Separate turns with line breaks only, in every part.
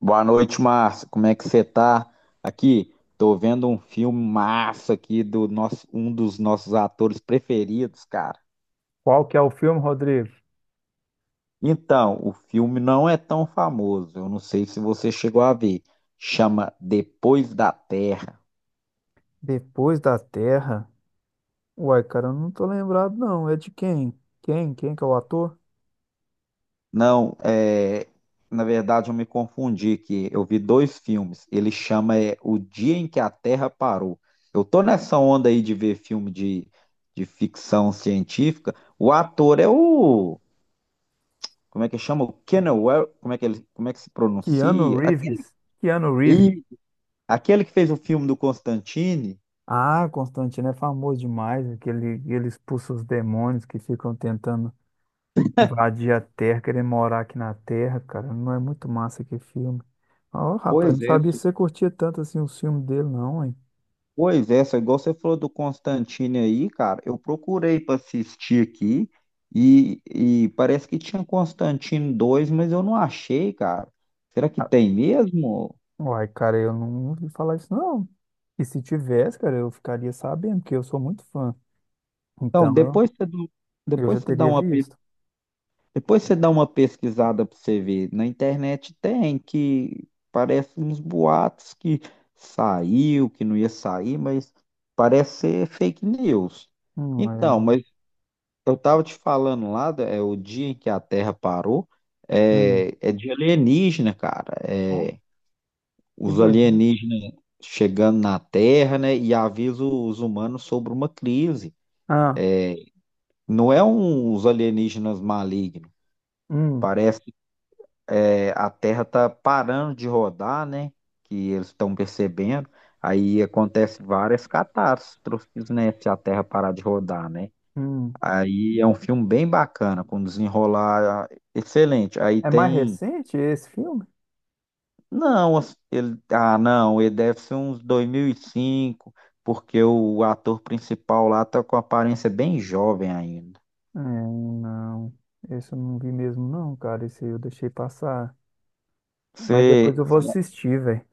Boa noite, Márcio. Como é que você tá? Aqui, tô vendo um filme massa aqui do nosso, um dos nossos atores preferidos, cara.
Qual que é o filme, Rodrigo?
Então, o filme não é tão famoso. Eu não sei se você chegou a ver. Chama Depois da Terra.
Depois da Terra? Uai, cara, eu não tô lembrado, não. É de quem? Quem? Quem que é o ator?
Não, é, na verdade eu me confundi aqui. Eu vi dois filmes. Ele chama é, O Dia em que a Terra Parou. Eu tô nessa onda aí de ver filme de ficção científica. O ator é o como é que chama? O Kenan Well, como é que ele, como é que se
Keanu
pronuncia? Aquele,
Reeves. Keanu Reeves.
e, aquele que fez o filme do Constantine.
Ah, Constantino é famoso demais. Aquele, ele expulsa os demônios que ficam tentando invadir a Terra, querendo morar aqui na Terra, cara. Não é muito massa que filme. Ó, rapaz, não
Pois é,
sabia que
fi-
você curtia tanto assim o filme dele, não, hein?
Pois é, só igual você falou do Constantine aí, cara, eu procurei para assistir aqui e parece que tinha Constantine 2, mas eu não achei, cara. Será que
Ah,
tem mesmo?
uai, cara, eu não ouvi falar isso, não. E se tivesse, cara, eu ficaria sabendo, porque eu sou muito fã.
Então,
Então,
depois você, dá-
eu já
Depois você dá
teria
uma
visto.
Depois você dá uma pesquisada para você ver. Na internet tem que parece uns boatos que saiu, que não ia sair, mas parece ser fake news.
Hum. É.
Então, mas eu tava te falando lá, é o dia em que a Terra parou,
Hum.
é, é de alienígena, cara.
Ó,
É,
que
os
doideira.
alienígenas chegando na Terra, né, e avisa os humanos sobre uma crise.
Ah.
Não é um, os alienígenas malignos.
Hum,
Parece É, a Terra está parando de rodar, né? Que eles estão percebendo. Aí acontece várias catástrofes, né? Se a Terra parar de rodar, né?
hum.
Aí é um filme bem bacana, com desenrolar excelente. Aí
É mais
tem.
recente esse filme?
Não, as- ele... ah, não, ele deve ser uns 2005, porque o ator principal lá tá com aparência bem jovem ainda.
É, não. Esse eu não vi mesmo, não, cara. Esse eu deixei passar. Mas
Você
depois eu vou assistir, velho.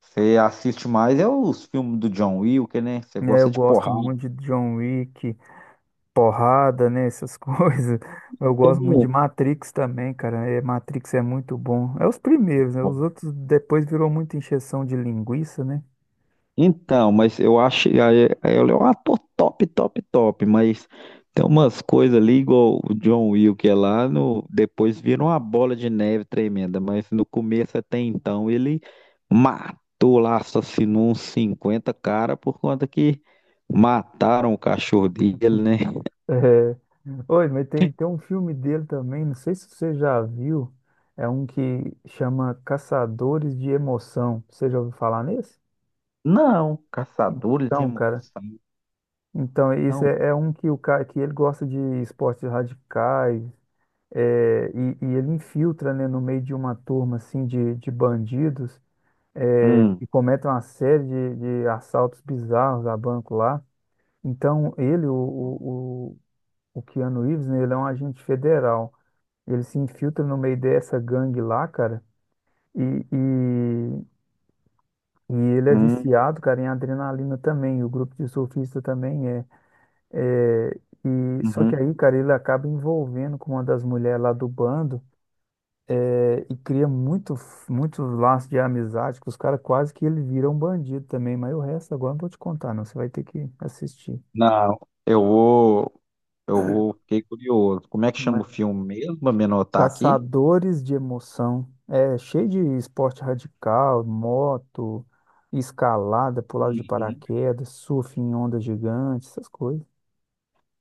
você assiste mais é os filmes do John Wick, né? Você
Né, eu
gosta de
gosto
porrada.
muito de John Wick, porrada, né? Essas coisas. Eu gosto muito de
Você
Matrix também, cara. É, Matrix é muito bom. É os primeiros, né?
não-
Os outros depois virou muita encheção de linguiça, né?
Então, mas eu acho. Aí- aí Ele é um ator top, top, top. Mas tem umas coisas ali, igual o John Wick que é lá, no, depois vira uma bola de neve tremenda. Mas no começo até então, ele matou lá, assassinou uns 50 cara por conta que mataram o cachorro dele, né?
É. Oi, mas tem um filme dele também, não sei se você já viu, é um que chama Caçadores de Emoção. Você já ouviu falar nesse?
Não, caçadores de
Então, cara,
emoção.
então esse é um que o cara que ele gosta de esportes radicais, é, e ele infiltra, né, no meio de uma turma assim de bandidos é,
Hum,
que cometem uma série de assaltos bizarros a banco lá. Então, ele, o Keanu Reeves, né, ele é um agente federal. Ele se infiltra no meio dessa gangue lá, cara. E, e, e ele é
hum,
viciado, cara, em adrenalina também. O grupo de surfista também é. É, e, só que
uhum.
aí, cara, ele acaba envolvendo com uma das mulheres lá do bando é, e cria muito, muito laço de amizade que os caras quase que ele vira um bandido também. Mas o resto agora eu não vou te contar, não. Você vai ter que assistir.
Não, eu vou. Eu vou, fiquei curioso. Como é que chama o
Mas
filme mesmo? Pra me anotar aqui.
Caçadores de emoção. É cheio de esporte radical, moto, escalada, pulada de
Uhum.
paraquedas, surf em ondas gigantes, essas coisas.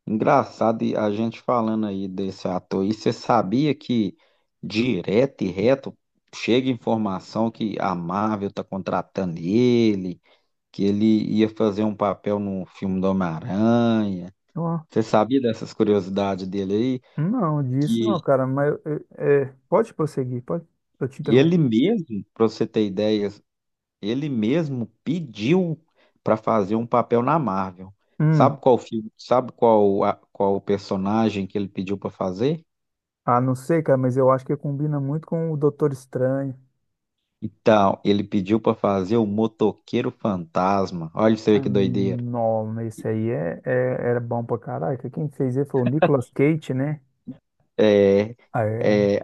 Engraçado, e a gente falando aí desse ator. E você sabia que direto e reto chega informação que a Marvel tá contratando ele, que ele ia fazer um papel no filme do Homem-Aranha.
Ó,
Você sabia dessas curiosidades dele aí?
não, disso não,
Que
cara, mas é, pode prosseguir, pode, eu te interrompo.
ele mesmo, pra você ter ideia, Ele mesmo pediu para fazer um papel na Marvel.
Hum,
Sabe qual filme, sabe qual personagem que ele pediu para fazer?
ah, não sei, cara, mas eu acho que combina muito com o Doutor Estranho.
Então, ele pediu para fazer o Motoqueiro Fantasma. Olha você vê
Ah,
que doideira.
não, mas esse aí é, era bom pra caraca. Quem fez ele foi o Nicolas Cage, né?
É,
Ah, era.
é,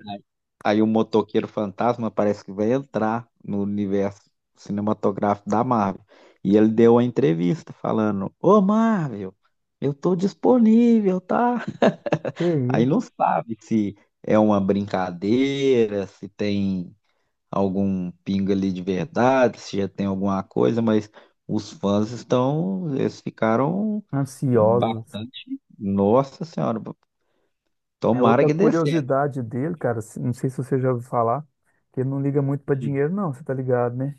aí o Motoqueiro Fantasma parece que vai entrar no universo cinematográfico da Marvel. E ele deu uma entrevista falando: Ô Marvel, eu tô disponível, tá?
Que
Aí
isso?
não sabe se é uma brincadeira, se tem algum pingo ali de verdade, se já tem alguma coisa, mas os fãs estão, eles ficaram
Ansiosos.
bastante. Nossa Senhora,
É
tomara
outra
que dê certo.
curiosidade dele, cara, não sei se você já ouviu falar, que ele não liga muito pra dinheiro, não, você tá ligado, né?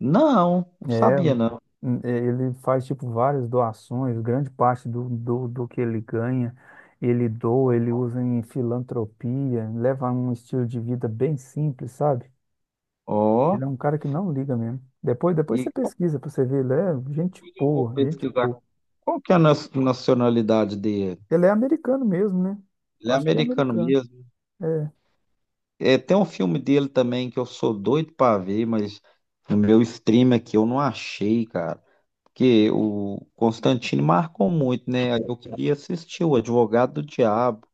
Não, não
É,
sabia não.
é, ele faz, tipo, várias doações, grande parte do que ele ganha, ele doa, ele usa em filantropia, leva um estilo de vida bem simples, sabe?
Ó,
Ele é um cara que não liga mesmo. Depois você
e qual
pesquisa pra você ver, ele é gente
coisa eu vou
boa, gente
pesquisar?
boa.
Qual que é nacionalidade dele?
Ele é americano mesmo, né?
Ele é
Acho que é
americano
americano.
mesmo.
É,
É, tem um filme dele também que eu sou doido pra ver, mas no meu stream aqui eu não achei, cara. Que o Constantino marcou muito, né? Aí Eu queria assistir o Advogado do Diabo,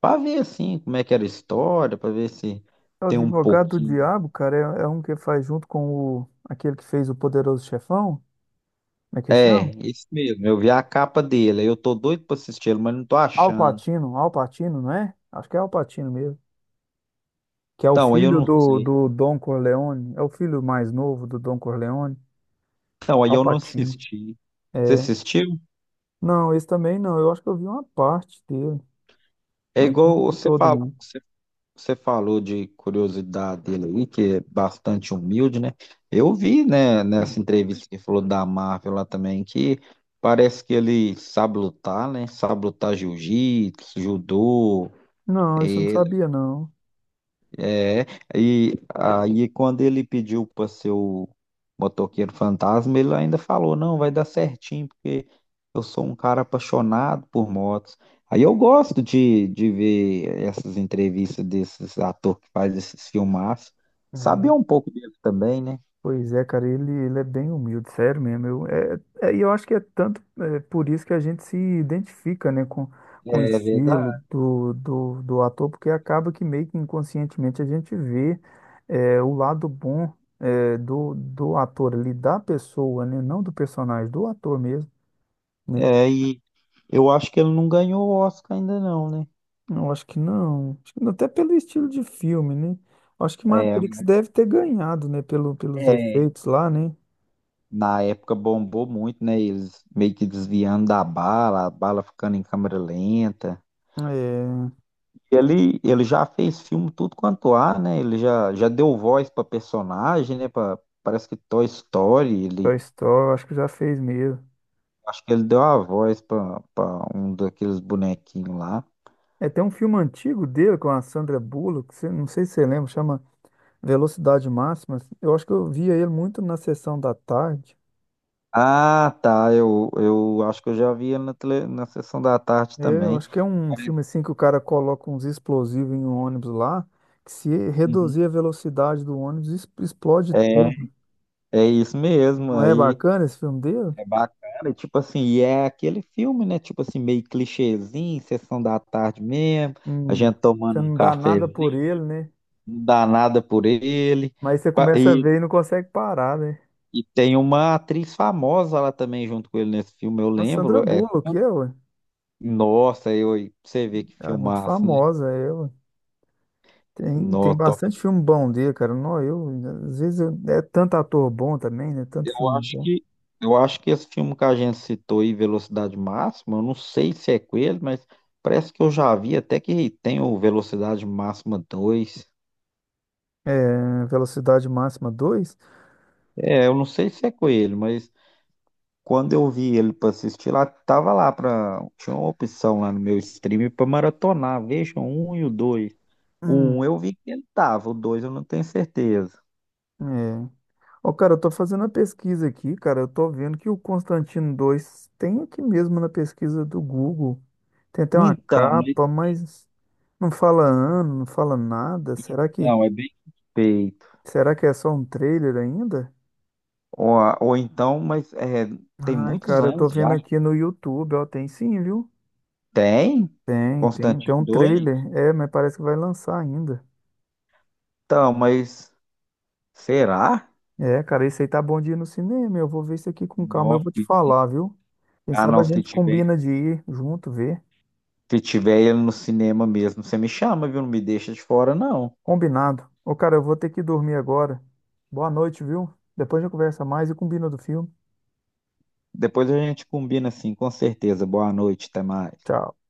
para ver assim como é que era a história, para ver se
é o
tem um
advogado do
pouquinho.
diabo, cara, é um que faz junto com o, aquele que fez o Poderoso Chefão, como é que
É,
chama?
isso mesmo. Eu vi a capa dele, aí eu tô doido para assistir ele, mas não tô
Al
achando.
Pacino, Al Pacino, não é? Acho que é Al Pacino mesmo. Que é o
Então, aí eu
filho
não
do,
sei.
do Don Corleone, é o filho mais novo do Don Corleone,
Então, aí
Al
eu não
Pacino.
assisti. Você
É.
assistiu?
Não, esse também não, eu acho que eu vi uma parte dele,
É
mas não
igual
vi
você
todo,
falou,
não.
Você falou de curiosidade dele aí, que é bastante humilde, né? Eu vi, né, nessa entrevista que falou da Marvel lá também, que parece que ele sabe lutar, né? Sabe lutar jiu-jitsu, judô,
Não, isso eu não sabia, não.
é, e aí quando ele pediu para ser o motoqueiro fantasma, ele ainda falou, não, vai dar certinho, porque eu sou um cara apaixonado por motos. Aí eu gosto de ver essas entrevistas desses atores que faz esses filmaços. Sabia
É.
um pouco dele também, né?
Pois é, cara, ele é bem humilde, sério mesmo. E eu acho que é tanto é, por isso que a gente se identifica, né, com o
É
estilo
verdade.
do ator, porque acaba que meio que inconscientemente a gente vê é, o lado bom é, do ator ali, da pessoa, né, não do personagem, do ator mesmo, né?
É, e eu acho que ele não ganhou o Oscar ainda não, né?
Eu acho que não, até pelo estilo de filme, né? Acho que Matrix deve ter ganhado, né, pelo, pelos
É,
efeitos lá, né?
Na época bombou muito, né? Eles meio que desviando da bala, a bala ficando em câmera lenta.
É,
Ele já fez filme tudo quanto há, né? Ele já deu voz para personagem, né? Pra, parece que Toy Story,
Toy
ele
Story, acho que já fez mesmo.
acho que ele deu a voz para um daqueles bonequinhos lá.
É, tem um filme antigo dele com a Sandra Bullock, não sei se você lembra, chama Velocidade Máxima. Eu acho que eu via ele muito na sessão da tarde.
Ah, tá. Eu acho que eu já vi ele na, tele, na sessão da tarde
É, eu
também.
acho que é um
Parece-
filme assim que o cara coloca uns explosivos em um ônibus lá, que se
Uhum.
reduzir a velocidade do ônibus, explode tudo.
É, é isso mesmo.
Não é
Aí
bacana esse filme dele?
É bacana, e tipo assim, e é aquele filme, né? Tipo assim, meio clichêzinho, sessão da tarde mesmo, a
Hum,
gente
você
tomando um
não dá nada
cafezinho,
por ele, né?
não dá nada por ele.
Mas você
Pa-
começa a
E,
ver e não consegue parar, né?
e tem uma atriz famosa lá também junto com ele nesse filme, eu
A Sandra
lembro. É,
Bullock, é, ué,
nossa, eu, você vê que
ela é muito
filmaço, né?
famosa, é, ué. Tem, tem
No, top.
bastante filme bom dele, cara. Não, eu, às vezes eu- é tanto ator bom também, né? Tanto
Eu
filme
acho
bom.
que, eu acho que esse filme que a gente citou aí, Velocidade Máxima, eu não sei se é com ele, mas parece que eu já vi até que tem o Velocidade Máxima 2.
É, Velocidade Máxima dois.
É, eu não sei se é com ele, mas quando eu vi ele pra assistir lá, tava lá pra. Tinha uma opção lá no meu stream pra maratonar. Vejam o um e o dois. O um
Hum,
eu vi que ele tava, o dois eu não tenho certeza.
é. Ó, cara, eu tô fazendo a pesquisa aqui, cara. Eu tô vendo que o Constantino dois tem aqui mesmo na pesquisa do Google. Tem até uma
Então, mas-
capa, mas não fala ano, não fala nada. Será que,
então é bem suspeito.
será que é só um trailer ainda?
Ou, ou então, mas é, tem
Ah,
muitos
cara, eu tô
anos já.
vendo aqui no YouTube, ó, tem sim, viu?
Tem?
Tem
Constantino
um
2.
trailer. É, mas parece que vai lançar ainda.
Então, mas será?
É, cara, esse aí tá bom de ir no cinema. Eu vou ver isso aqui com calma. Eu
Nossa,
vou te
se-
falar, viu? Quem
ah
sabe
não,
a
se
gente
tiver,
combina de ir junto, ver.
se tiver ele no cinema mesmo, você me chama, viu? Não me deixa de fora, não.
Combinado. Ô, cara, eu vou ter que dormir agora. Boa noite, viu? Depois a gente conversa mais e combina do filme.
Depois a gente combina assim, com certeza. Boa noite, até mais.
Tchau.